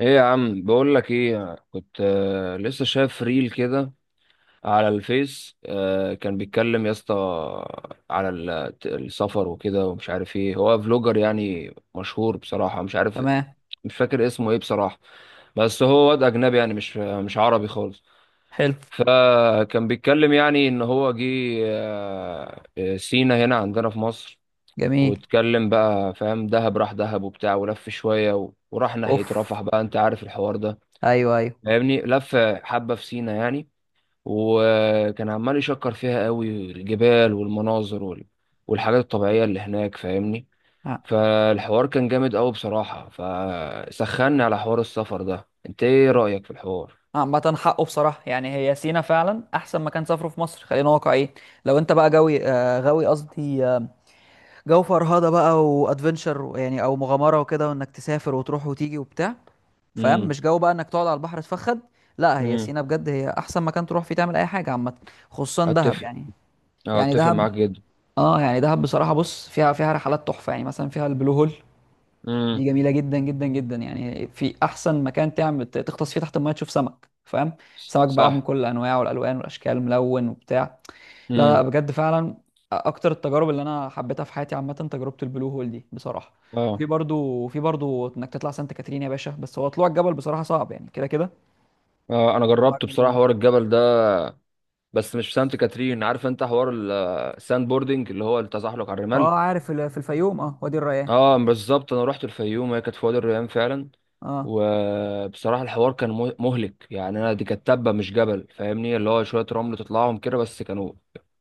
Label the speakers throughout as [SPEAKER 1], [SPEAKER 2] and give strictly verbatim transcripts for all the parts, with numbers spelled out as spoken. [SPEAKER 1] ايه يا عم، بقول لك ايه كنت آه، لسه شايف ريل كده على الفيس، آه، كان بيتكلم يا اسطى على ال- السفر وكده، ومش عارف ايه هو فلوجر، يعني مشهور بصراحة، مش عارف
[SPEAKER 2] تمام.
[SPEAKER 1] مش فاكر اسمه ايه بصراحة، بس هو واد اجنبي يعني مش مش عربي خالص.
[SPEAKER 2] حلو.
[SPEAKER 1] فكان بيتكلم يعني ان هو جه آه، آه، سينا هنا عندنا في مصر.
[SPEAKER 2] جميل.
[SPEAKER 1] واتكلم بقى فاهم، دهب راح دهب وبتاع ولف شوية و- وراح ناحية
[SPEAKER 2] اوف.
[SPEAKER 1] رفح بقى، انت عارف الحوار ده.
[SPEAKER 2] ايوه، ايوه.
[SPEAKER 1] فاهمني، لف حبة في سينا يعني، وكان عمال يشكر فيها قوي الجبال والمناظر وال- والحاجات الطبيعية اللي هناك، فاهمني.
[SPEAKER 2] ع-
[SPEAKER 1] فالحوار كان جامد قوي بصراحة، فسخني على حوار السفر ده. انت ايه رأيك في الحوار؟
[SPEAKER 2] عامة حقه بصراحة، يعني هي سينا فعلا أحسن مكان سافره في مصر، خلينا واقعيين. لو أنت بقى جوي آه غاوي، قصدي آه جو فرهدة بقى وأدفنشر، يعني أو مغامرة وكده، وإنك تسافر وتروح وتيجي وبتاع، فاهم؟
[SPEAKER 1] امم.
[SPEAKER 2] مش جو بقى إنك تقعد على البحر تفخد. لا، هي
[SPEAKER 1] امم.
[SPEAKER 2] سينا بجد هي أحسن مكان تروح فيه تعمل أي حاجة، عامة خصوصا دهب
[SPEAKER 1] اتفق.
[SPEAKER 2] يعني.
[SPEAKER 1] اه،
[SPEAKER 2] يعني
[SPEAKER 1] اتفق
[SPEAKER 2] دهب.
[SPEAKER 1] معاك جدا.
[SPEAKER 2] اه يعني دهب بصراحة، بص فيها فيها رحلات تحفة، يعني مثلا فيها البلو هول. دي
[SPEAKER 1] امم.
[SPEAKER 2] جميله جدا جدا جدا، يعني في احسن مكان تعمل ت- تغطس فيه تحت الميه، تشوف سمك فاهم. سمك بقى من
[SPEAKER 1] صح.
[SPEAKER 2] كل انواعه، والالوان والاشكال ملون وبتاع. لا لا،
[SPEAKER 1] امم.
[SPEAKER 2] بجد فعلا. اكتر التجارب اللي انا حبيتها في حياتي عامه تجربه البلو هول دي بصراحه. في
[SPEAKER 1] اه.
[SPEAKER 2] برضو في برضو انك تطلع سانت كاترين يا باشا، بس هو طلوع الجبل بصراحه صعب يعني كده كده.
[SPEAKER 1] اه. انا
[SPEAKER 2] طلوع
[SPEAKER 1] جربت بصراحة
[SPEAKER 2] الجبل.
[SPEAKER 1] حوار الجبل ده، بس مش في سانت كاترين. عارف انت حوار الساند بوردنج اللي هو التزحلق على الرمال؟
[SPEAKER 2] اه عارف ال- في الفيوم، اه وادي الريان.
[SPEAKER 1] اه، بالظبط، انا رحت الفيوم، هي كانت في وادي الريان فعلا.
[SPEAKER 2] اه.
[SPEAKER 1] وبصراحه الحوار كان مه- مهلك يعني، انا دي كانت تبه مش جبل، فاهمني اللي هو شويه رمل تطلعهم كده، بس كانوا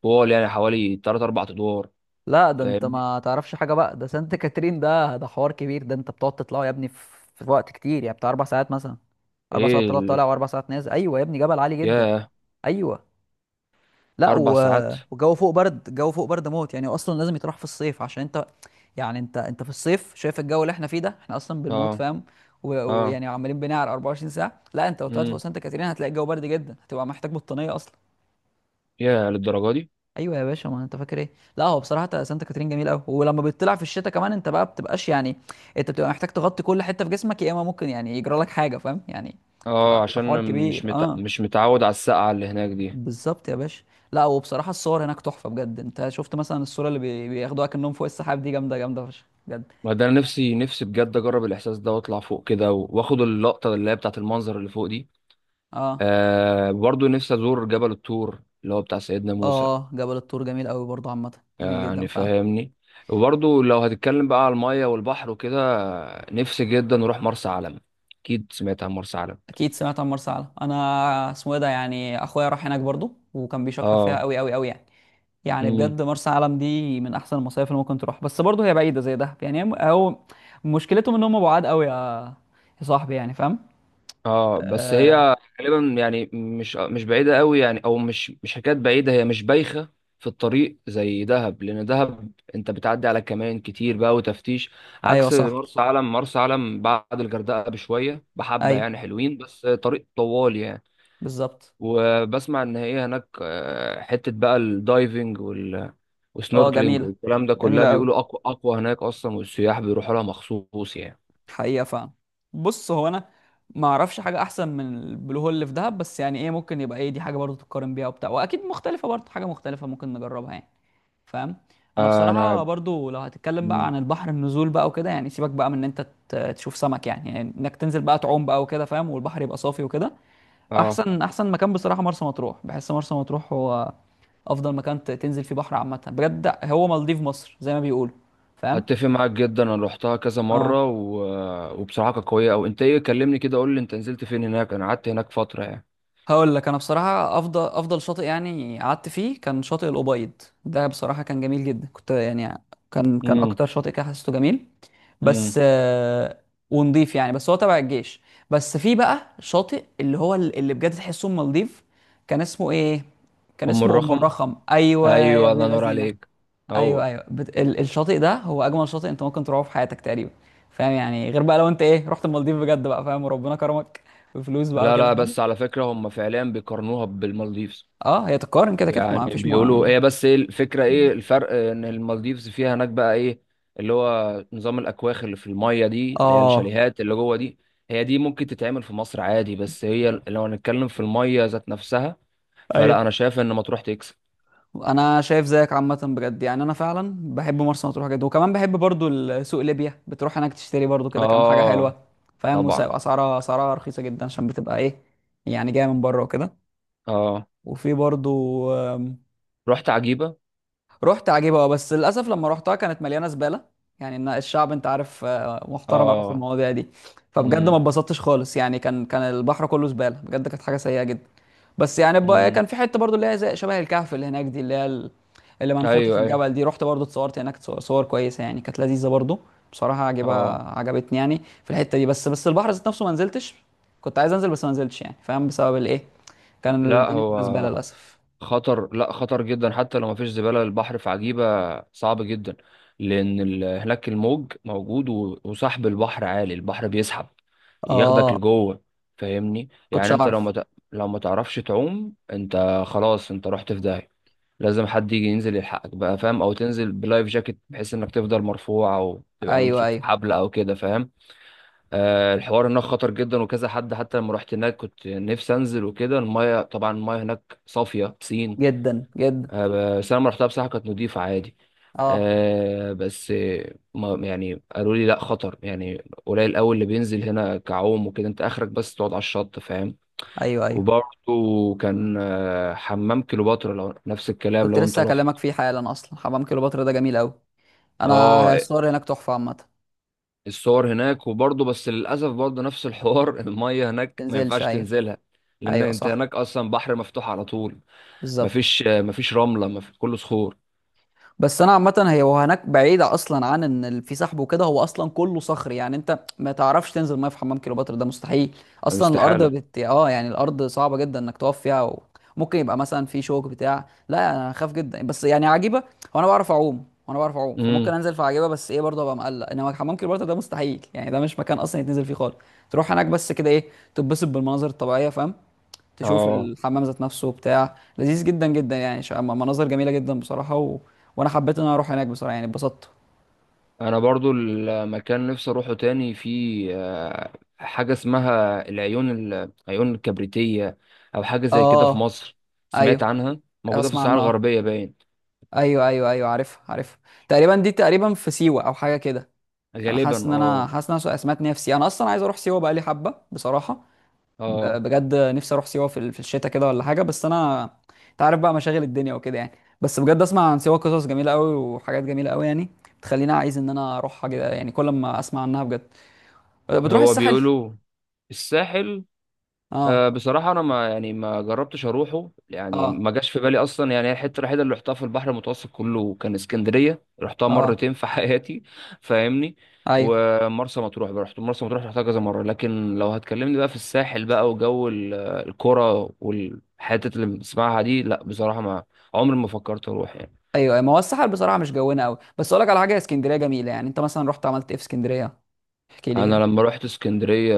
[SPEAKER 1] طول يعني حوالي تلاتة أربعة ادوار.
[SPEAKER 2] لا ده انت
[SPEAKER 1] فاهمني.
[SPEAKER 2] ما تعرفش حاجه بقى، ده سانت كاترين، ده ده حوار كبير، ده انت بتقعد تطلعوا يا ابني، في في وقت كتير يعني بتاع اربع ساعات مثلا. اربع ساعات
[SPEAKER 1] ايه
[SPEAKER 2] طلع
[SPEAKER 1] اللي...
[SPEAKER 2] طالع، واربع ساعات نازل، ايوه يا ابني، جبل عالي جدا.
[SPEAKER 1] ياه.
[SPEAKER 2] ايوه. لا
[SPEAKER 1] اربع
[SPEAKER 2] و...
[SPEAKER 1] ساعات.
[SPEAKER 2] والجو فوق برد الجو فوق برد موت يعني، اصلا لازم يتراح في الصيف عشان انت، يعني انت انت في الصيف شايف الجو اللي احنا فيه ده، احنا اصلا بنموت
[SPEAKER 1] اه.
[SPEAKER 2] فاهم. و-
[SPEAKER 1] اه.
[SPEAKER 2] ويعني عمالين بنعرق اربعة وعشرين ساعه. لا انت لو طلعت فوق
[SPEAKER 1] امم.
[SPEAKER 2] سانت كاترين هتلاقي الجو برد جدا، هتبقى محتاج بطانيه اصلا.
[SPEAKER 1] ياه، للدرجه دي؟
[SPEAKER 2] ايوه يا باشا، ما انت فاكر ايه؟ لا هو بصراحه تا- سانتا كاترين جميل قوي، ولما بتطلع في الشتاء كمان انت بقى بتبقاش يعني، انت بتبقى محتاج تغطي كل حته في جسمك، يا اما ممكن يعني يجرى لك حاجه فاهم يعني.
[SPEAKER 1] اه،
[SPEAKER 2] تبقى بيبقى حوار
[SPEAKER 1] عشان مش
[SPEAKER 2] كبير
[SPEAKER 1] مت...
[SPEAKER 2] اه.
[SPEAKER 1] مش متعود على السقعه اللي هناك دي.
[SPEAKER 2] بالظبط يا باشا. لا وبصراحه الصور هناك تحفه بجد، انت شفت مثلا الصوره اللي بي- بياخدوها كأنهم فوق السحاب دي، جامده جامده فشخ بجد.
[SPEAKER 1] ما ده انا نفسي نفسي بجد اجرب الاحساس ده، واطلع فوق كده واخد اللقطه اللي هي بتاعت المنظر اللي فوق دي.
[SPEAKER 2] اه.
[SPEAKER 1] آه برضو نفسي أزور جبل الطور اللي هو بتاع سيدنا موسى.
[SPEAKER 2] اه جبل الطور جميل قوي برضه عامه،
[SPEAKER 1] آه،
[SPEAKER 2] جميل جدا
[SPEAKER 1] يعني
[SPEAKER 2] فعلا.
[SPEAKER 1] فاهمني. وبرضو لو هتتكلم بقى على المية والبحر وكده، آه، نفسي جدا أروح مرسى علم. أكيد سمعت عن مرسى علم.
[SPEAKER 2] اكيد سمعت عن مرسى علم، انا اسمه ايه ده، يعني اخويا راح هناك برضو وكان بيشكر فيها
[SPEAKER 1] اه.
[SPEAKER 2] قوي قوي قوي يعني. يعني
[SPEAKER 1] امم.
[SPEAKER 2] بجد مرسى علم دي من احسن المصايف اللي ممكن تروح، بس برضو هي بعيده زي دهب يعني، هم- هو مشكلتهم ان هم بعاد قوي يا، يا صاحبي يعني فاهم.
[SPEAKER 1] اه. بس
[SPEAKER 2] آه...
[SPEAKER 1] هي غالبا يعني مش مش بعيدة قوي يعني، أو مش مش حكاية بعيدة، هي مش بايخة في الطريق زي دهب، لأن دهب أنت بتعدي على كمان كتير بقى وتفتيش،
[SPEAKER 2] ايوه
[SPEAKER 1] عكس
[SPEAKER 2] صح.
[SPEAKER 1] مرسى علم. مرسى علم بعد الغردقة بشوية بحبة
[SPEAKER 2] ايوه.
[SPEAKER 1] يعني، حلوين بس طريق طوال يعني.
[SPEAKER 2] بالظبط.
[SPEAKER 1] وبسمع ان هي هناك آه، حته بقى الدايفنج وال-
[SPEAKER 2] اه
[SPEAKER 1] والسنوركلينج
[SPEAKER 2] جميله،
[SPEAKER 1] والكلام ده، كلها
[SPEAKER 2] جميله قوي،
[SPEAKER 1] بيقولوا اقوى اقوى هناك اصلا، والسياح بيروحوا لها مخصوص يعني.
[SPEAKER 2] حقيقه فعلا. بص هو انا ما اعرفش حاجه احسن من البلو هول اللي في دهب، بس يعني ايه ممكن يبقى ايه دي حاجه برضو تتقارن بيها وبتاع، واكيد مختلفه برضو، حاجه مختلفه ممكن نجربها يعني فاهم. انا بصراحه
[SPEAKER 1] انا
[SPEAKER 2] برضو لو هتتكلم بقى
[SPEAKER 1] مم.
[SPEAKER 2] عن البحر، النزول بقى وكده يعني، سيبك بقى من ان انت ت- تشوف سمك يعني، يعني انك تنزل بقى تعوم بقى وكده فاهم، والبحر يبقى صافي وكده.
[SPEAKER 1] اه،
[SPEAKER 2] احسن احسن مكان بصراحه مرسى مطروح، بحس مرسى مطروح هو افضل مكان ت- تنزل فيه بحر عامه، بجد هو مالديف مصر زي ما بيقولوا فاهم.
[SPEAKER 1] اتفق معاك جدا. انا روحتها كذا
[SPEAKER 2] اه.
[SPEAKER 1] مره و... آه، وبصراحه كانت قويه. او انت ايه، كلمني كده، قول لي انت نزلت فين هناك، انا قعدت هناك فتره يعني.
[SPEAKER 2] هقول لك انا بصراحه افضل افضل شاطئ يعني قعدت فيه كان شاطئ الابيض. ده بصراحه كان جميل جدا، كنت يعني، كان كان
[SPEAKER 1] امم.
[SPEAKER 2] اكتر شاطئ كده حسيته جميل.
[SPEAKER 1] امم.
[SPEAKER 2] بس آه، ونضيف يعني، بس هو تبع الجيش. بس في بقى شاطئ اللي هو ال- اللي بجد تحسه ام مالديف، كان اسمه ايه، كان
[SPEAKER 1] ام
[SPEAKER 2] اسمه ام
[SPEAKER 1] الرخم.
[SPEAKER 2] الرخم، ايوه يا
[SPEAKER 1] ايوه،
[SPEAKER 2] ابن
[SPEAKER 1] الله ينور
[SPEAKER 2] اللذينه.
[SPEAKER 1] عليك.
[SPEAKER 2] ايوه
[SPEAKER 1] هو.
[SPEAKER 2] ايوه بت... ال- الشاطئ ده هو اجمل شاطئ انت ممكن تروحه في حياتك تقريبا، فاهم يعني، غير بقى لو انت ايه رحت المالديف بجد بقى فاهم وربنا كرمك بفلوس بقى
[SPEAKER 1] لا،
[SPEAKER 2] وكده.
[SPEAKER 1] لا، بس على فكره هم فعليا بيقارنوها بالمالديفز.
[SPEAKER 2] اه هي تتقارن كده كده،
[SPEAKER 1] يعني
[SPEAKER 2] ما فيش مو
[SPEAKER 1] بيقولوا
[SPEAKER 2] يعني.
[SPEAKER 1] هي، بس ايه الفكرة، ايه الفرق؟ ان المالديفز فيها هناك بقى ايه اللي هو نظام الاكواخ اللي في المية دي، اللي هي
[SPEAKER 2] اه،
[SPEAKER 1] الشاليهات اللي جوه دي. هي دي ممكن تتعمل في مصر عادي، بس هي لو هنتكلم في المية ذات نفسها، فلا، انا
[SPEAKER 2] ايوه.
[SPEAKER 1] شايف ان مطروح تكسب.
[SPEAKER 2] انا شايف زيك عامه بجد يعني، انا فعلا بحب مرسى مطروح جدا، وكمان بحب برضو ال- سوق ليبيا، بتروح هناك تشتري برضو كده كام حاجه
[SPEAKER 1] اه،
[SPEAKER 2] حلوه فاهم.
[SPEAKER 1] طبعا.
[SPEAKER 2] وسعر- اسعارها اسعارها رخيصه جدا، عشان بتبقى ايه يعني جايه من بره وكده.
[SPEAKER 1] اه.
[SPEAKER 2] وفي برضو.
[SPEAKER 1] رحت عجيبة.
[SPEAKER 2] رحت عجيبة. اه بس للأسف لما رحتها كانت مليانة زبالة، يعني إن الشعب أنت عارف آه، محترم أوي في
[SPEAKER 1] اه.
[SPEAKER 2] المواضيع دي. فبجد ما
[SPEAKER 1] امم.
[SPEAKER 2] اتبسطتش خالص يعني، كان كان البحر كله زبالة بجد، كانت حاجة سيئة جدا. بس يعني ب-
[SPEAKER 1] امم.
[SPEAKER 2] كان في حتة برضو اللي هي زي شبه الكهف اللي هناك دي، اللي هي ال- اللي منحوتة في
[SPEAKER 1] ايوه، ايوه.
[SPEAKER 2] الجبل دي، رحت برضو اتصورت هناك صور، صور كويسة يعني، كانت لذيذة برضو. بصراحة عجبة.
[SPEAKER 1] اه.
[SPEAKER 2] عجبتني يعني في الحتة دي. بس بس البحر ذات نفسه ما نزلتش، كنت عايز أنزل بس ما نزلتش يعني فاهم، بسبب الإيه، كان
[SPEAKER 1] لا
[SPEAKER 2] الدنيا كلها زبالة
[SPEAKER 1] هو
[SPEAKER 2] للأسف.
[SPEAKER 1] خطر، لا خطر جدا حتى لو مفيش زبالة، البحر في عجيبة صعب جدا، لأن ال- هناك الموج موجود، و- وسحب البحر عالي، البحر بيسحب، ياخدك
[SPEAKER 2] اه.
[SPEAKER 1] لجوه. فاهمني
[SPEAKER 2] كنتش
[SPEAKER 1] يعني، انت لو
[SPEAKER 2] أعرف.
[SPEAKER 1] ما ت... لو ما تعرفش تعوم انت خلاص، انت رحت في داهية. لازم حد يجي ينزل يلحقك بقى، فاهم؟ او تنزل بلايف جاكيت بحيث انك تفضل مرفوع، او تبقى
[SPEAKER 2] ايوه،
[SPEAKER 1] ممسوك في
[SPEAKER 2] ايوه.
[SPEAKER 1] حبل او كده، فاهم؟ آه الحوار هناك خطر جدا، وكذا حد حتى لما رحت هناك كنت نفسي انزل وكده، المايه طبعا المايه هناك صافية بسين.
[SPEAKER 2] جدا جدا.
[SPEAKER 1] آه، بس انا لما رحتها بصراحه كانت نضيفه عادي.
[SPEAKER 2] اه،
[SPEAKER 1] آه، بس آه، ما يعني، قالوا لي لا، خطر يعني. قليل قوي اللي بينزل هنا كعوم وكده، انت اخرك بس تقعد على الشط، فاهم؟
[SPEAKER 2] ايوه، ايوه.
[SPEAKER 1] وبرضه كان آه، حمام كليوباترا، لو نفس الكلام
[SPEAKER 2] كنت
[SPEAKER 1] لو انت
[SPEAKER 2] لسه
[SPEAKER 1] رحت.
[SPEAKER 2] هكلمك فيه حالا، اصلا حمام كليوباترا ده جميل قوي. انا
[SPEAKER 1] اه.
[SPEAKER 2] الصور هناك تحفه عامه.
[SPEAKER 1] الصور هناك، وبرضه بس للاسف برضه نفس الحوار الميه هناك ما
[SPEAKER 2] تنزلش،
[SPEAKER 1] ينفعش
[SPEAKER 2] ايوه.
[SPEAKER 1] تنزلها. لان
[SPEAKER 2] ايوه
[SPEAKER 1] انت
[SPEAKER 2] صح.
[SPEAKER 1] هناك اصلا بحر مفتوح على طول.
[SPEAKER 2] بالظبط.
[SPEAKER 1] مفيش آه، مفيش رمله، مفيش كله صخور.
[SPEAKER 2] بس انا عامه هي وهناك بعيده اصلا عن ان ال- في سحب وكده، هو اصلا كله صخري يعني، انت ما تعرفش تنزل ميه في حمام كليوباترا ده مستحيل،
[SPEAKER 1] يعني
[SPEAKER 2] اصلا الارض
[SPEAKER 1] استحاله.
[SPEAKER 2] بت... اه يعني الارض صعبه جدا انك تقف فيها و... ممكن يبقى مثلا في شوك بتاع، لا انا خاف جدا بس يعني عجيبه، وانا بعرف اعوم وانا بعرف اعوم، فممكن
[SPEAKER 1] امم.
[SPEAKER 2] انزل في عجيبه، بس ايه برضه ابقى مقلق، انما حمام كليوباترا ده مستحيل يعني، ده مش مكان اصلا يتنزل فيه خالص. تروح هناك بس كده ايه، تتبسط بالمناظر الطبيعيه فاهم، تشوف
[SPEAKER 1] اه،
[SPEAKER 2] الحمام ذات نفسه بتاع لذيذ جدا جدا يعني، ش- م- مناظر جميله جدا بصراحه و... وانا حبيت ان انا اروح هناك بصراحه، يعني اتبسطت.
[SPEAKER 1] انا برضو المكان نفسي اروحه تاني، في آه، حاجه اسمها العيون ال- العيون الكبريتيه، او حاجه زي كده في
[SPEAKER 2] اه.
[SPEAKER 1] مصر. سمعت
[SPEAKER 2] ايوه
[SPEAKER 1] عنها موجوده في
[SPEAKER 2] اسمع
[SPEAKER 1] الصحراء
[SPEAKER 2] عنها.
[SPEAKER 1] الغربيه باين.
[SPEAKER 2] ايوه ايوه ايوه عارف، عارف. تقريبا دي تقريبا في سيوه او حاجه كده. انا حاسس
[SPEAKER 1] غالبا،
[SPEAKER 2] ان انا،
[SPEAKER 1] اه.
[SPEAKER 2] حاسس ان انا سمعت ان هي في سيوه، انا اصلا عايز اروح سيوه بقالي حبه بصراحه.
[SPEAKER 1] اه.
[SPEAKER 2] ب- بجد نفسي اروح سيوه في ال- في الشتاء كده ولا حاجه، بس انا انت عارف بقى مشاغل الدنيا وكده يعني. بس بجد اسمع عن سيوه قصص جميله قوي وحاجات جميله قوي يعني، بتخليني عايز ان انا اروحها كده يعني، كل ما اسمع عنها بجد. بتروح
[SPEAKER 1] هو
[SPEAKER 2] الساحل؟
[SPEAKER 1] بيقولوا الساحل.
[SPEAKER 2] اه.
[SPEAKER 1] أه بصراحة أنا ما يعني ما جربتش أروحه يعني،
[SPEAKER 2] اه.
[SPEAKER 1] ما جاش في بالي أصلا يعني، هي الحتة الوحيدة اللي رحتها في البحر المتوسط كله كان اسكندرية، رحتها
[SPEAKER 2] اه.
[SPEAKER 1] مرتين في حياتي. فاهمني.
[SPEAKER 2] ايوه.
[SPEAKER 1] ومرسى مطروح بقى، رحت مرسى مطروح، رحتها كذا مرة. لكن لو هتكلمني بقى في الساحل بقى وجو ال- آه، الكرة والحتت اللي بنسمعها دي، لا بصراحة ما عمري ما فكرت أروح يعني.
[SPEAKER 2] ايوه. أيوه. ما هو الساحل بصراحه مش جونا قوي، بس اقول لك على حاجه، اسكندريه جميله يعني، انت مثلا رحت عملت ايه في اسكندريه؟ احكي لي
[SPEAKER 1] أنا
[SPEAKER 2] كده.
[SPEAKER 1] لما رحت اسكندرية،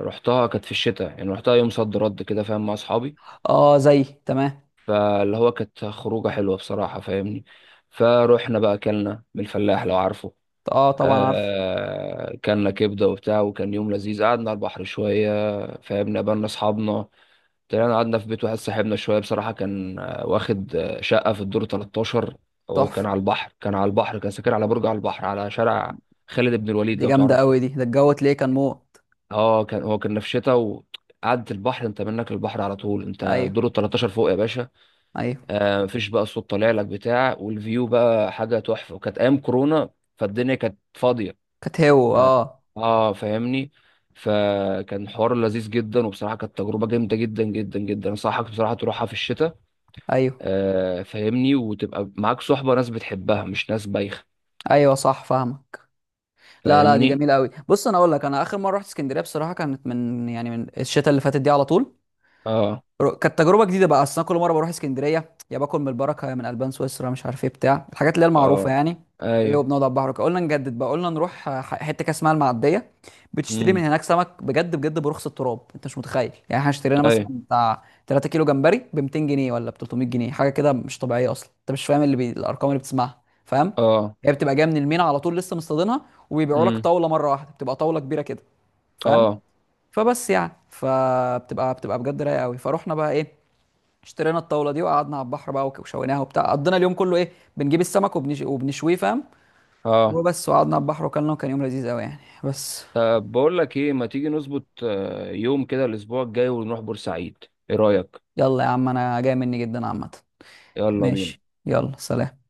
[SPEAKER 1] رحتها كانت في الشتاء يعني، رحتها يوم صد رد كده، فاهم؟ مع أصحابي.
[SPEAKER 2] اه زي تمام.
[SPEAKER 1] فاللي هو كانت خروجة حلوة بصراحة، فاهمني. فروحنا بقى أكلنا من الفلاح، لو عارفه.
[SPEAKER 2] اه طبعا عارف.
[SPEAKER 1] آه كلنا كبدة وبتاع، وكان يوم لذيذ، قعدنا على البحر شوية. فاهمنا، قابلنا أصحابنا. طلعنا قعدنا في بيت واحد صاحبنا شوية، بصراحة كان آه، واخد آه، شقة في الدور تلتاشر. وكان
[SPEAKER 2] تحفه.
[SPEAKER 1] على البحر، كان على البحر، كان ساكن على برج على البحر، على شارع خالد بن الوليد،
[SPEAKER 2] دي
[SPEAKER 1] لو
[SPEAKER 2] جامده
[SPEAKER 1] تعرفه.
[SPEAKER 2] قوي دي، ده الجو تلاقيه كان موت.
[SPEAKER 1] اه، كان هو كان في شتا، وقعدة البحر انت منك البحر على طول، انت
[SPEAKER 2] ايوه،
[SPEAKER 1] دور تلتاشر فوق يا باشا.
[SPEAKER 2] ايوه.
[SPEAKER 1] آه، مفيش بقى صوت طالع لك بتاع، والفيو بقى حاجه تحفه، وكانت ايام كورونا، فالدنيا كانت فاضيه.
[SPEAKER 2] كانت هو
[SPEAKER 1] ما-
[SPEAKER 2] اه.
[SPEAKER 1] اه، فاهمني. فكان حوار لذيذ جدا، وبصراحه كانت تجربه جامده جدا جدا جدا، انصحك بصراحه تروحها في الشتاء.
[SPEAKER 2] ايوه،
[SPEAKER 1] آه فاهمني، وتبقى معاك صحبه ناس بتحبها مش ناس بايخه.
[SPEAKER 2] ايوه صح فاهمك. لا لا، دي
[SPEAKER 1] فاهمني.
[SPEAKER 2] جميله قوي، بص انا اقول لك، انا اخر مره رحت اسكندريه بصراحه كانت من، يعني من الشتاء اللي فاتت دي على طول.
[SPEAKER 1] اه.
[SPEAKER 2] رو- كانت تجربه جديده بقى، اصل انا كل مره بروح اسكندريه يا باكل من البركه يا من البان سويسرا، مش عارف ايه بتاع الحاجات اللي هي المعروفه
[SPEAKER 1] اه.
[SPEAKER 2] يعني. وايه،
[SPEAKER 1] ايوه.
[SPEAKER 2] وبنقعد على البحر وكده. قلنا نجدد بقى، قلنا نروح آه، ح- حته كده اسمها المعديه، بتشتري من
[SPEAKER 1] امم.
[SPEAKER 2] هناك سمك بجد بجد برخص التراب، انت مش متخيل يعني. احنا اشترينا مثلا
[SPEAKER 1] ايوه.
[SPEAKER 2] بتاع تلات كيلو جمبري ب ميتين جنيه ولا ب تلتمية جنيه، حاجه كده مش طبيعيه اصلا، انت مش فاهم اللي بي... الارقام اللي بتسمعها فاهم.
[SPEAKER 1] اه.
[SPEAKER 2] هي بتبقى جايه من المينا على طول لسه مصطادينها، وبيبيعوا لك
[SPEAKER 1] امم.
[SPEAKER 2] طاوله مره واحده، بتبقى طاوله كبيره كده فاهم.
[SPEAKER 1] اه.
[SPEAKER 2] فبس يعني فبتبقى بتبقى بجد رايقه قوي، فروحنا بقى ايه، اشترينا الطاوله دي وقعدنا على البحر بقى، وك- وشويناها وبتاع، قضينا اليوم كله ايه، بنجيب السمك وبنش... وبنشويه فاهم،
[SPEAKER 1] اه.
[SPEAKER 2] وبس، وقعدنا على البحر وكلنا وكان يوم لذيذ قوي يعني بس.
[SPEAKER 1] طب، بقول لك ايه، ما تيجي نظبط آه، يوم كده الاسبوع الجاي ونروح بورسعيد؟ ايه رايك؟
[SPEAKER 2] يلا يا عم انا جاي مني جدا عامه.
[SPEAKER 1] يلا بينا.
[SPEAKER 2] ماشي، يلا سلام.